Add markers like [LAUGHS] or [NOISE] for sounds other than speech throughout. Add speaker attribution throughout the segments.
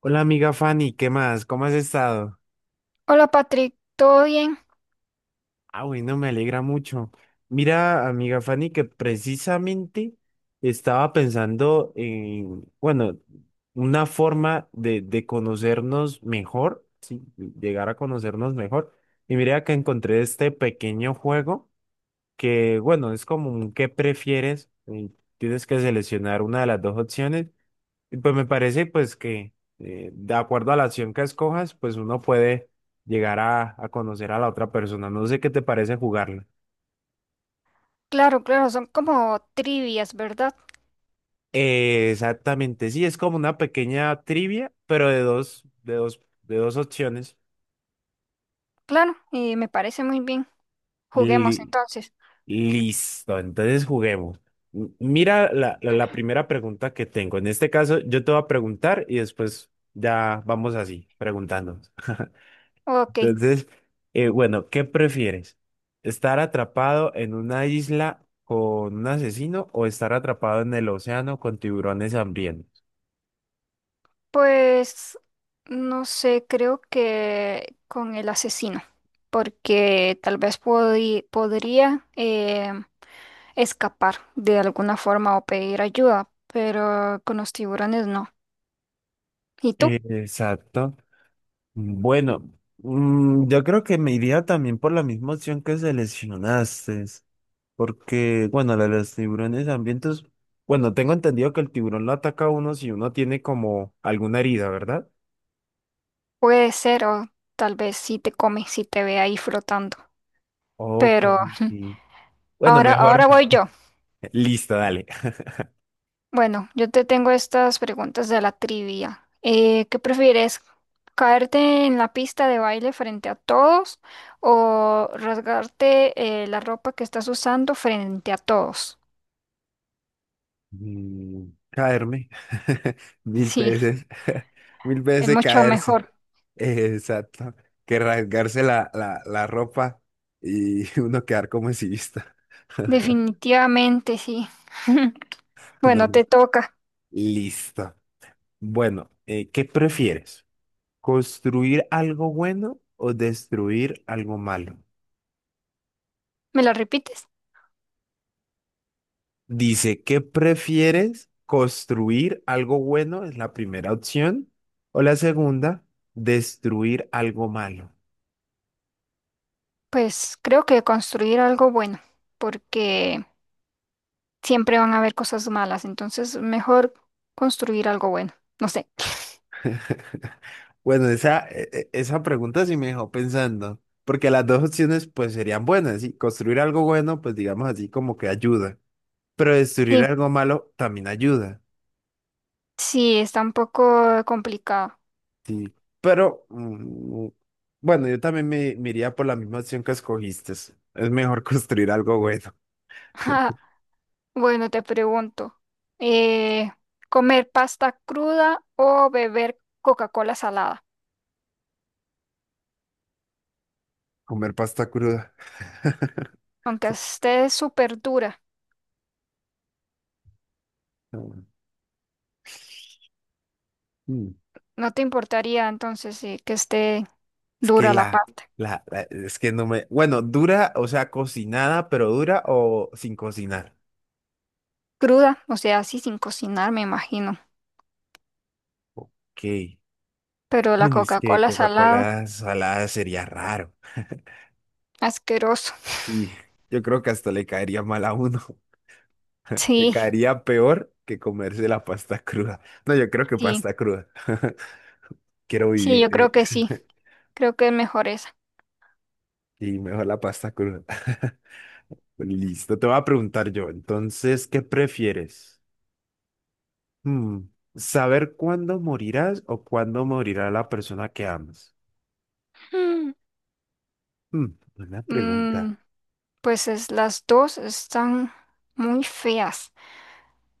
Speaker 1: Hola amiga Fanny, ¿qué más? ¿Cómo has estado?
Speaker 2: Hola Patrick, ¿todo bien?
Speaker 1: Bueno, me alegra mucho. Mira, amiga Fanny, que precisamente estaba pensando en, bueno, una forma de conocernos mejor, sí, llegar a conocernos mejor. Y mira que encontré este pequeño juego que, bueno, es como un ¿qué prefieres? Y tienes que seleccionar una de las dos opciones. Y pues me parece pues que de acuerdo a la acción que escojas, pues uno puede llegar a conocer a la otra persona. No sé qué te parece jugarla.
Speaker 2: Claro, claro, son como trivias, ¿verdad?
Speaker 1: Exactamente, sí, es como una pequeña trivia, pero de dos opciones.
Speaker 2: Claro, me parece muy bien. Juguemos
Speaker 1: Li-
Speaker 2: entonces.
Speaker 1: Listo, entonces juguemos. Mira la primera pregunta que tengo. En este caso, yo te voy a preguntar y después ya vamos así, preguntando.
Speaker 2: Ok,
Speaker 1: Entonces, bueno, ¿qué prefieres? ¿Estar atrapado en una isla con un asesino o estar atrapado en el océano con tiburones hambrientos?
Speaker 2: pues no sé, creo que con el asesino, porque tal vez podría escapar de alguna forma o pedir ayuda, pero con los tiburones no. ¿Y tú?
Speaker 1: Exacto. Bueno, yo creo que me iría también por la misma opción que seleccionaste, porque, bueno, la de los tiburones hambrientos, bueno, tengo entendido que el tiburón lo ataca a uno si uno tiene como alguna herida, ¿verdad?
Speaker 2: Puede ser, o tal vez si te come, si te ve ahí flotando.
Speaker 1: Ok,
Speaker 2: Pero
Speaker 1: sí. Bueno,
Speaker 2: ahora,
Speaker 1: mejor.
Speaker 2: ahora voy yo.
Speaker 1: [LAUGHS] Listo, dale.
Speaker 2: Bueno, yo te tengo estas preguntas de la trivia. ¿Qué prefieres? ¿Caerte en la pista de baile frente a todos o rasgarte la ropa que estás usando frente a todos?
Speaker 1: Caerme. [LAUGHS] Mil
Speaker 2: Sí,
Speaker 1: veces. [LAUGHS] Mil
Speaker 2: es
Speaker 1: veces
Speaker 2: mucho
Speaker 1: caerse.
Speaker 2: mejor.
Speaker 1: Exacto. Que rasgarse la ropa y [LAUGHS] uno quedar como exhibista.
Speaker 2: Definitivamente, sí. [LAUGHS]
Speaker 1: [LAUGHS] No.
Speaker 2: Bueno, te toca.
Speaker 1: Listo. Bueno, ¿qué prefieres? ¿Construir algo bueno o destruir algo malo?
Speaker 2: ¿Me la repites?
Speaker 1: Dice, ¿qué prefieres? ¿Construir algo bueno? Es la primera opción. O la segunda, destruir algo malo.
Speaker 2: Pues creo que construir algo bueno, porque siempre van a haber cosas malas, entonces mejor construir algo bueno. No sé. [LAUGHS]
Speaker 1: [LAUGHS] Bueno, esa pregunta sí me dejó pensando, porque las dos opciones pues serían buenas, ¿sí? Construir algo bueno, pues digamos así como que ayuda, pero destruir
Speaker 2: Sí.
Speaker 1: algo malo también ayuda,
Speaker 2: Sí, está un poco complicado.
Speaker 1: ¿sí? Pero bueno, yo también me iría por la misma opción que escogiste. Es mejor [LAUGHS] construir algo bueno.
Speaker 2: [LAUGHS] Bueno, te pregunto, eh, ¿comer pasta cruda o beber Coca-Cola salada?
Speaker 1: Comer pasta cruda. [LAUGHS]
Speaker 2: Aunque esté súper dura,
Speaker 1: Mm. Mm.
Speaker 2: ¿no te importaría entonces que esté
Speaker 1: Es que
Speaker 2: dura la pasta?
Speaker 1: es que no me, bueno, dura, o sea, cocinada, pero dura o sin cocinar.
Speaker 2: Cruda, o sea, así sin cocinar, me imagino.
Speaker 1: Ok.
Speaker 2: Pero
Speaker 1: [LAUGHS]
Speaker 2: la
Speaker 1: Es que
Speaker 2: Coca-Cola salada,
Speaker 1: Coca-Cola salada sería raro.
Speaker 2: asqueroso. [LAUGHS]
Speaker 1: Sí, yo creo que hasta le caería mal a uno. [LAUGHS] Le
Speaker 2: Sí,
Speaker 1: caería peor que comerse la pasta cruda. No, yo creo que
Speaker 2: sí,
Speaker 1: pasta cruda. [LAUGHS] Quiero
Speaker 2: sí,
Speaker 1: vivir,
Speaker 2: yo creo que sí.
Speaker 1: [LAUGHS]
Speaker 2: Creo que es mejor esa.
Speaker 1: y mejor la pasta cruda. [LAUGHS] Listo, te voy a preguntar yo. Entonces, ¿qué prefieres? Hmm, ¿Saber cuándo morirás o cuándo morirá la persona que amas?
Speaker 2: Mm,
Speaker 1: Hmm, Buena
Speaker 2: mm,
Speaker 1: pregunta.
Speaker 2: pues es, las dos están muy feas.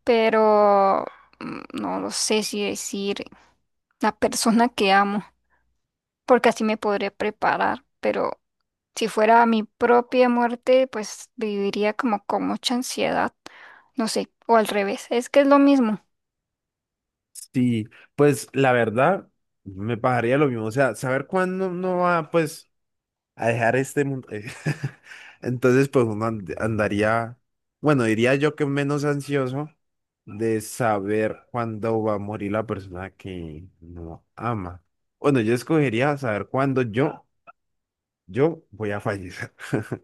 Speaker 2: Pero mm, no lo sé si decir la persona que amo, porque así me podré preparar, pero si fuera mi propia muerte, pues viviría como con mucha ansiedad, no sé, o al revés, es que es lo mismo.
Speaker 1: Sí, pues la verdad me pasaría lo mismo. O sea, saber cuándo uno va pues a dejar este mundo. [LAUGHS] Entonces, pues uno andaría, bueno, diría yo que menos ansioso de saber cuándo va a morir la persona que no ama. Bueno, yo escogería saber cuándo yo voy a fallecer. [LAUGHS]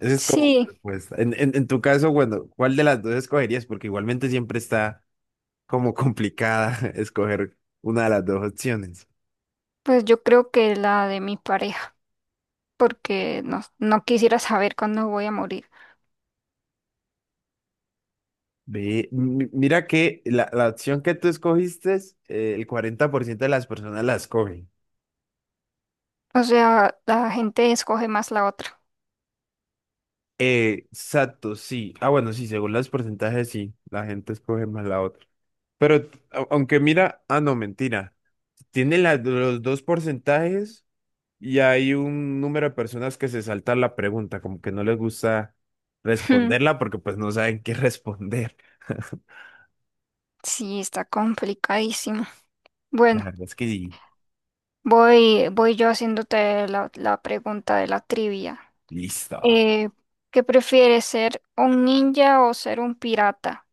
Speaker 1: Esa es como mi
Speaker 2: Sí,
Speaker 1: respuesta. En tu caso, bueno, ¿cuál de las dos escogerías? Porque igualmente siempre está como complicada [LAUGHS] escoger una de las dos opciones.
Speaker 2: pues yo creo que la de mi pareja, porque no, no quisiera saber cuándo voy a morir.
Speaker 1: Ve, mira que la opción que tú escogiste, el 40% de las personas la escogen.
Speaker 2: O sea, la gente escoge más la otra.
Speaker 1: Exacto, sí. Ah, bueno, sí, según los porcentajes, sí, la gente escoge más la otra. Pero aunque mira, ah, no, mentira. Tiene los dos porcentajes. Y hay un número de personas que se saltan la pregunta, como que no les gusta responderla
Speaker 2: [LAUGHS]
Speaker 1: porque pues no saben qué responder. [LAUGHS]
Speaker 2: Sí, está complicadísimo.
Speaker 1: La
Speaker 2: Bueno.
Speaker 1: verdad es que sí,
Speaker 2: Voy yo haciéndote la, la pregunta de la trivia.
Speaker 1: listo,
Speaker 2: Eh, ¿Qué prefieres ser un ninja o ser un pirata?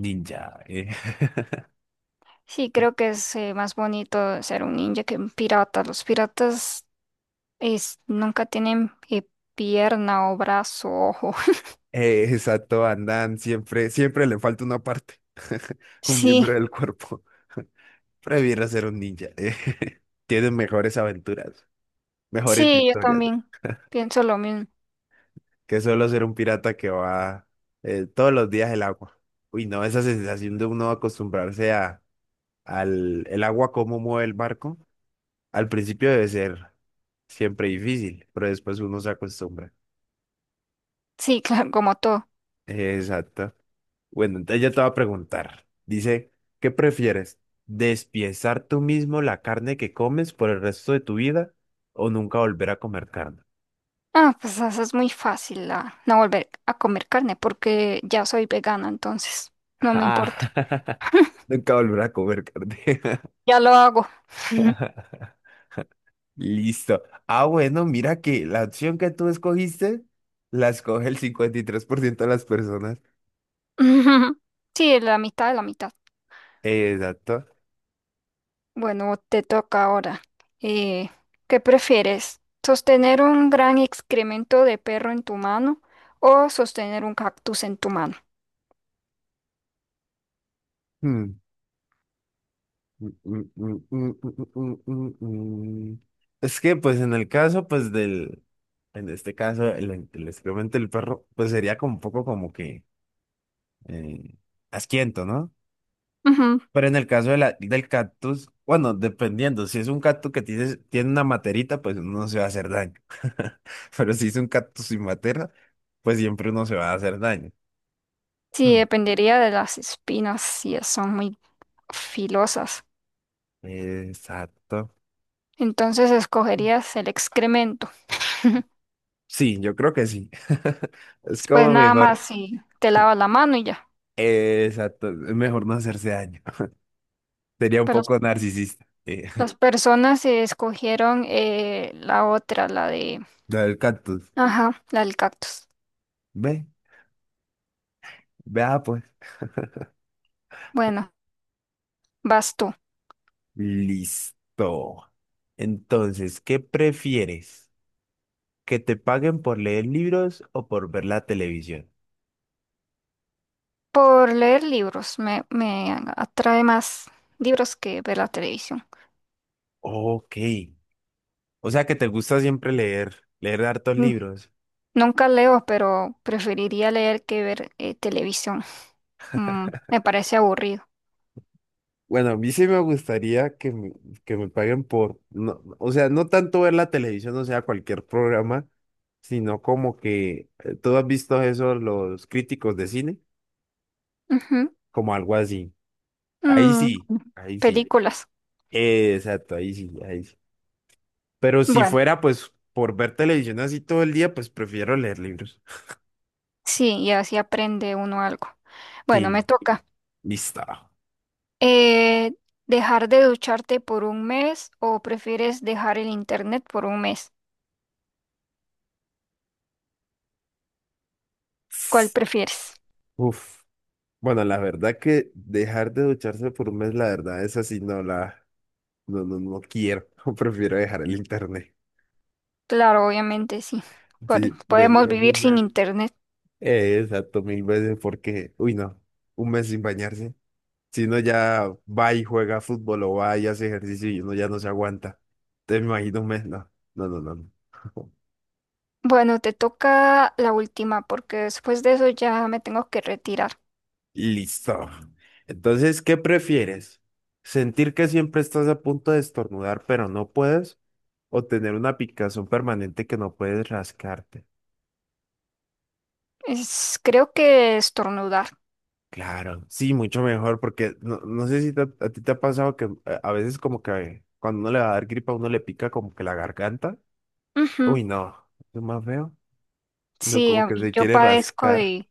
Speaker 1: ninja. [LAUGHS]
Speaker 2: Sí, creo que es más bonito ser un ninja que un pirata. Los piratas nunca tienen pierna o brazo, ojo. [LAUGHS]
Speaker 1: Exacto, andan, siempre, siempre le falta una parte, [LAUGHS] un
Speaker 2: Sí,
Speaker 1: miembro del cuerpo. [LAUGHS] Prefiero ser un ninja. [LAUGHS] Tienen mejores aventuras, mejores
Speaker 2: sí, yo
Speaker 1: historias,
Speaker 2: también pienso lo mismo.
Speaker 1: que solo ser un pirata que va todos los días el agua. Uy, no, esa sensación de uno acostumbrarse a al el agua, cómo mueve el barco, al principio debe ser siempre difícil, pero después uno se acostumbra.
Speaker 2: Sí, [LAUGHS] claro, como tú.
Speaker 1: Exacto. Bueno, entonces yo te voy a preguntar. Dice, ¿qué prefieres? ¿Despiezar tú mismo la carne que comes por el resto de tu vida o nunca volver a comer carne?
Speaker 2: Ah, pues eso es muy fácil, no volver a comer carne porque ya soy vegana, entonces no me importa.
Speaker 1: Ah. [LAUGHS] Nunca volver a comer carne.
Speaker 2: Ya lo hago.
Speaker 1: [LAUGHS] Listo. Ah, bueno, mira que la opción que tú escogiste la escoge el 53% de las personas.
Speaker 2: Ujú. Sí, la mitad de la mitad.
Speaker 1: Exacto.
Speaker 2: Bueno, te toca ahora. Eh, ¿Qué prefieres? ¿Sostener un gran excremento de perro en tu mano o sostener un cactus en tu mano?
Speaker 1: Mm, mm, mm, mm, mm, mm, mm, mm, mm. mm. Es que, pues, en el caso, pues, del, en este caso, el excremento del perro, pues, sería como un poco como que eh, asquiento, ¿no?
Speaker 2: Ujú.
Speaker 1: Pero en el caso de del cactus, bueno, dependiendo, si es un cactus que tiene, tiene una materita, pues uno no se va a hacer daño. [LAUGHS] Pero si es un cactus sin matera, pues siempre uno se va a hacer daño.
Speaker 2: Sí,
Speaker 1: Mm.
Speaker 2: dependería de las espinas, si es- son muy filosas.
Speaker 1: Exacto.
Speaker 2: Entonces escogerías el excremento.
Speaker 1: Sí, yo creo que sí. [LAUGHS] Es
Speaker 2: Después
Speaker 1: como
Speaker 2: nada más
Speaker 1: mejor.
Speaker 2: si te
Speaker 1: [LAUGHS]
Speaker 2: lavas la mano y ya.
Speaker 1: Exacto, es mejor no hacerse daño. [LAUGHS] Sería un
Speaker 2: Pero las,
Speaker 1: poco narcisista.
Speaker 2: las personas escogieron la otra, la de...
Speaker 1: [LAUGHS] Lo del cactus.
Speaker 2: Ajá, la del cactus.
Speaker 1: Ve, vea pues.
Speaker 2: Bueno, vas tú.
Speaker 1: Listo. Entonces, ¿qué prefieres? ¿Que te paguen por leer libros o por ver la televisión?
Speaker 2: Por leer libros, me atrae más libros que ver la televisión.
Speaker 1: Ok. O sea que te gusta siempre leer, leer hartos
Speaker 2: Mm,
Speaker 1: libros.
Speaker 2: nunca leo, pero preferiría leer que ver televisión. Mm, me parece aburrido.
Speaker 1: Bueno, a mí sí me gustaría que que me paguen por, no, o sea, no tanto ver la televisión, o sea, cualquier programa, sino como que, ¿tú has visto eso, los críticos de cine?
Speaker 2: Ujú.
Speaker 1: Como algo así. Ahí
Speaker 2: Mm,
Speaker 1: sí, ahí sí.
Speaker 2: películas.
Speaker 1: Exacto, ahí sí, ahí sí. Pero si
Speaker 2: Bueno,
Speaker 1: fuera, pues, por ver televisión así todo el día, pues prefiero leer libros.
Speaker 2: sí, y así aprende uno algo. Bueno, me
Speaker 1: Sí,
Speaker 2: toca.
Speaker 1: listo.
Speaker 2: Eh, ¿Dejar de ducharte por un mes o prefieres dejar el internet por un mes? ¿Cuál prefieres?
Speaker 1: Uf. Bueno, la verdad que dejar de ducharse por un mes, la verdad, esa sí no la... No, no, no quiero. [LAUGHS] Prefiero dejar el internet.
Speaker 2: Claro, obviamente sí.
Speaker 1: Sí,
Speaker 2: Podemos
Speaker 1: prefiero
Speaker 2: vivir
Speaker 1: un
Speaker 2: sin
Speaker 1: mes.
Speaker 2: internet.
Speaker 1: Exacto, mil veces porque, uy, no, un mes sin bañarse. Si uno ya va y juega fútbol o va y hace ejercicio y uno ya no se aguanta. Te imagino un mes, no, no, no, no. no. [LAUGHS]
Speaker 2: Bueno, te toca la última porque después de eso ya me tengo que retirar.
Speaker 1: Listo. Entonces, ¿qué prefieres? ¿Sentir que siempre estás a punto de estornudar pero no puedes? ¿O tener una picazón permanente que no puedes rascarte?
Speaker 2: Es, creo que estornudar.
Speaker 1: Claro, sí, mucho mejor, porque no, no sé si a ti te ha pasado que a veces como que cuando uno le va a dar gripa, uno le pica como que la garganta.
Speaker 2: Ujú.
Speaker 1: Uy, no, es más feo. No,
Speaker 2: Sí,
Speaker 1: como
Speaker 2: a
Speaker 1: que
Speaker 2: mí-
Speaker 1: se
Speaker 2: yo
Speaker 1: quiere
Speaker 2: padezco
Speaker 1: rascar.
Speaker 2: de...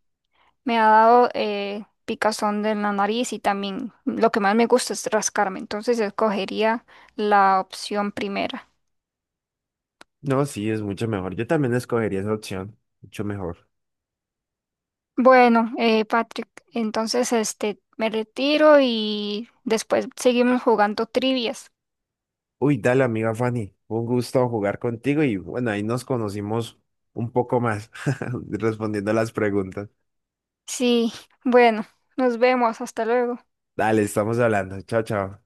Speaker 2: Me ha dado picazón de la nariz y también lo que más me gusta es rascarme. Entonces escogería la opción primera.
Speaker 1: No, sí, es mucho mejor. Yo también escogería esa opción, mucho mejor.
Speaker 2: Bueno, Patrick, entonces este, me retiro y después seguimos jugando trivias.
Speaker 1: Uy, dale, amiga Fanny, un gusto jugar contigo y bueno, ahí nos conocimos un poco más [LAUGHS] respondiendo a las preguntas.
Speaker 2: Sí, bueno, nos vemos. Hasta luego.
Speaker 1: Dale, estamos hablando. Chao, chao.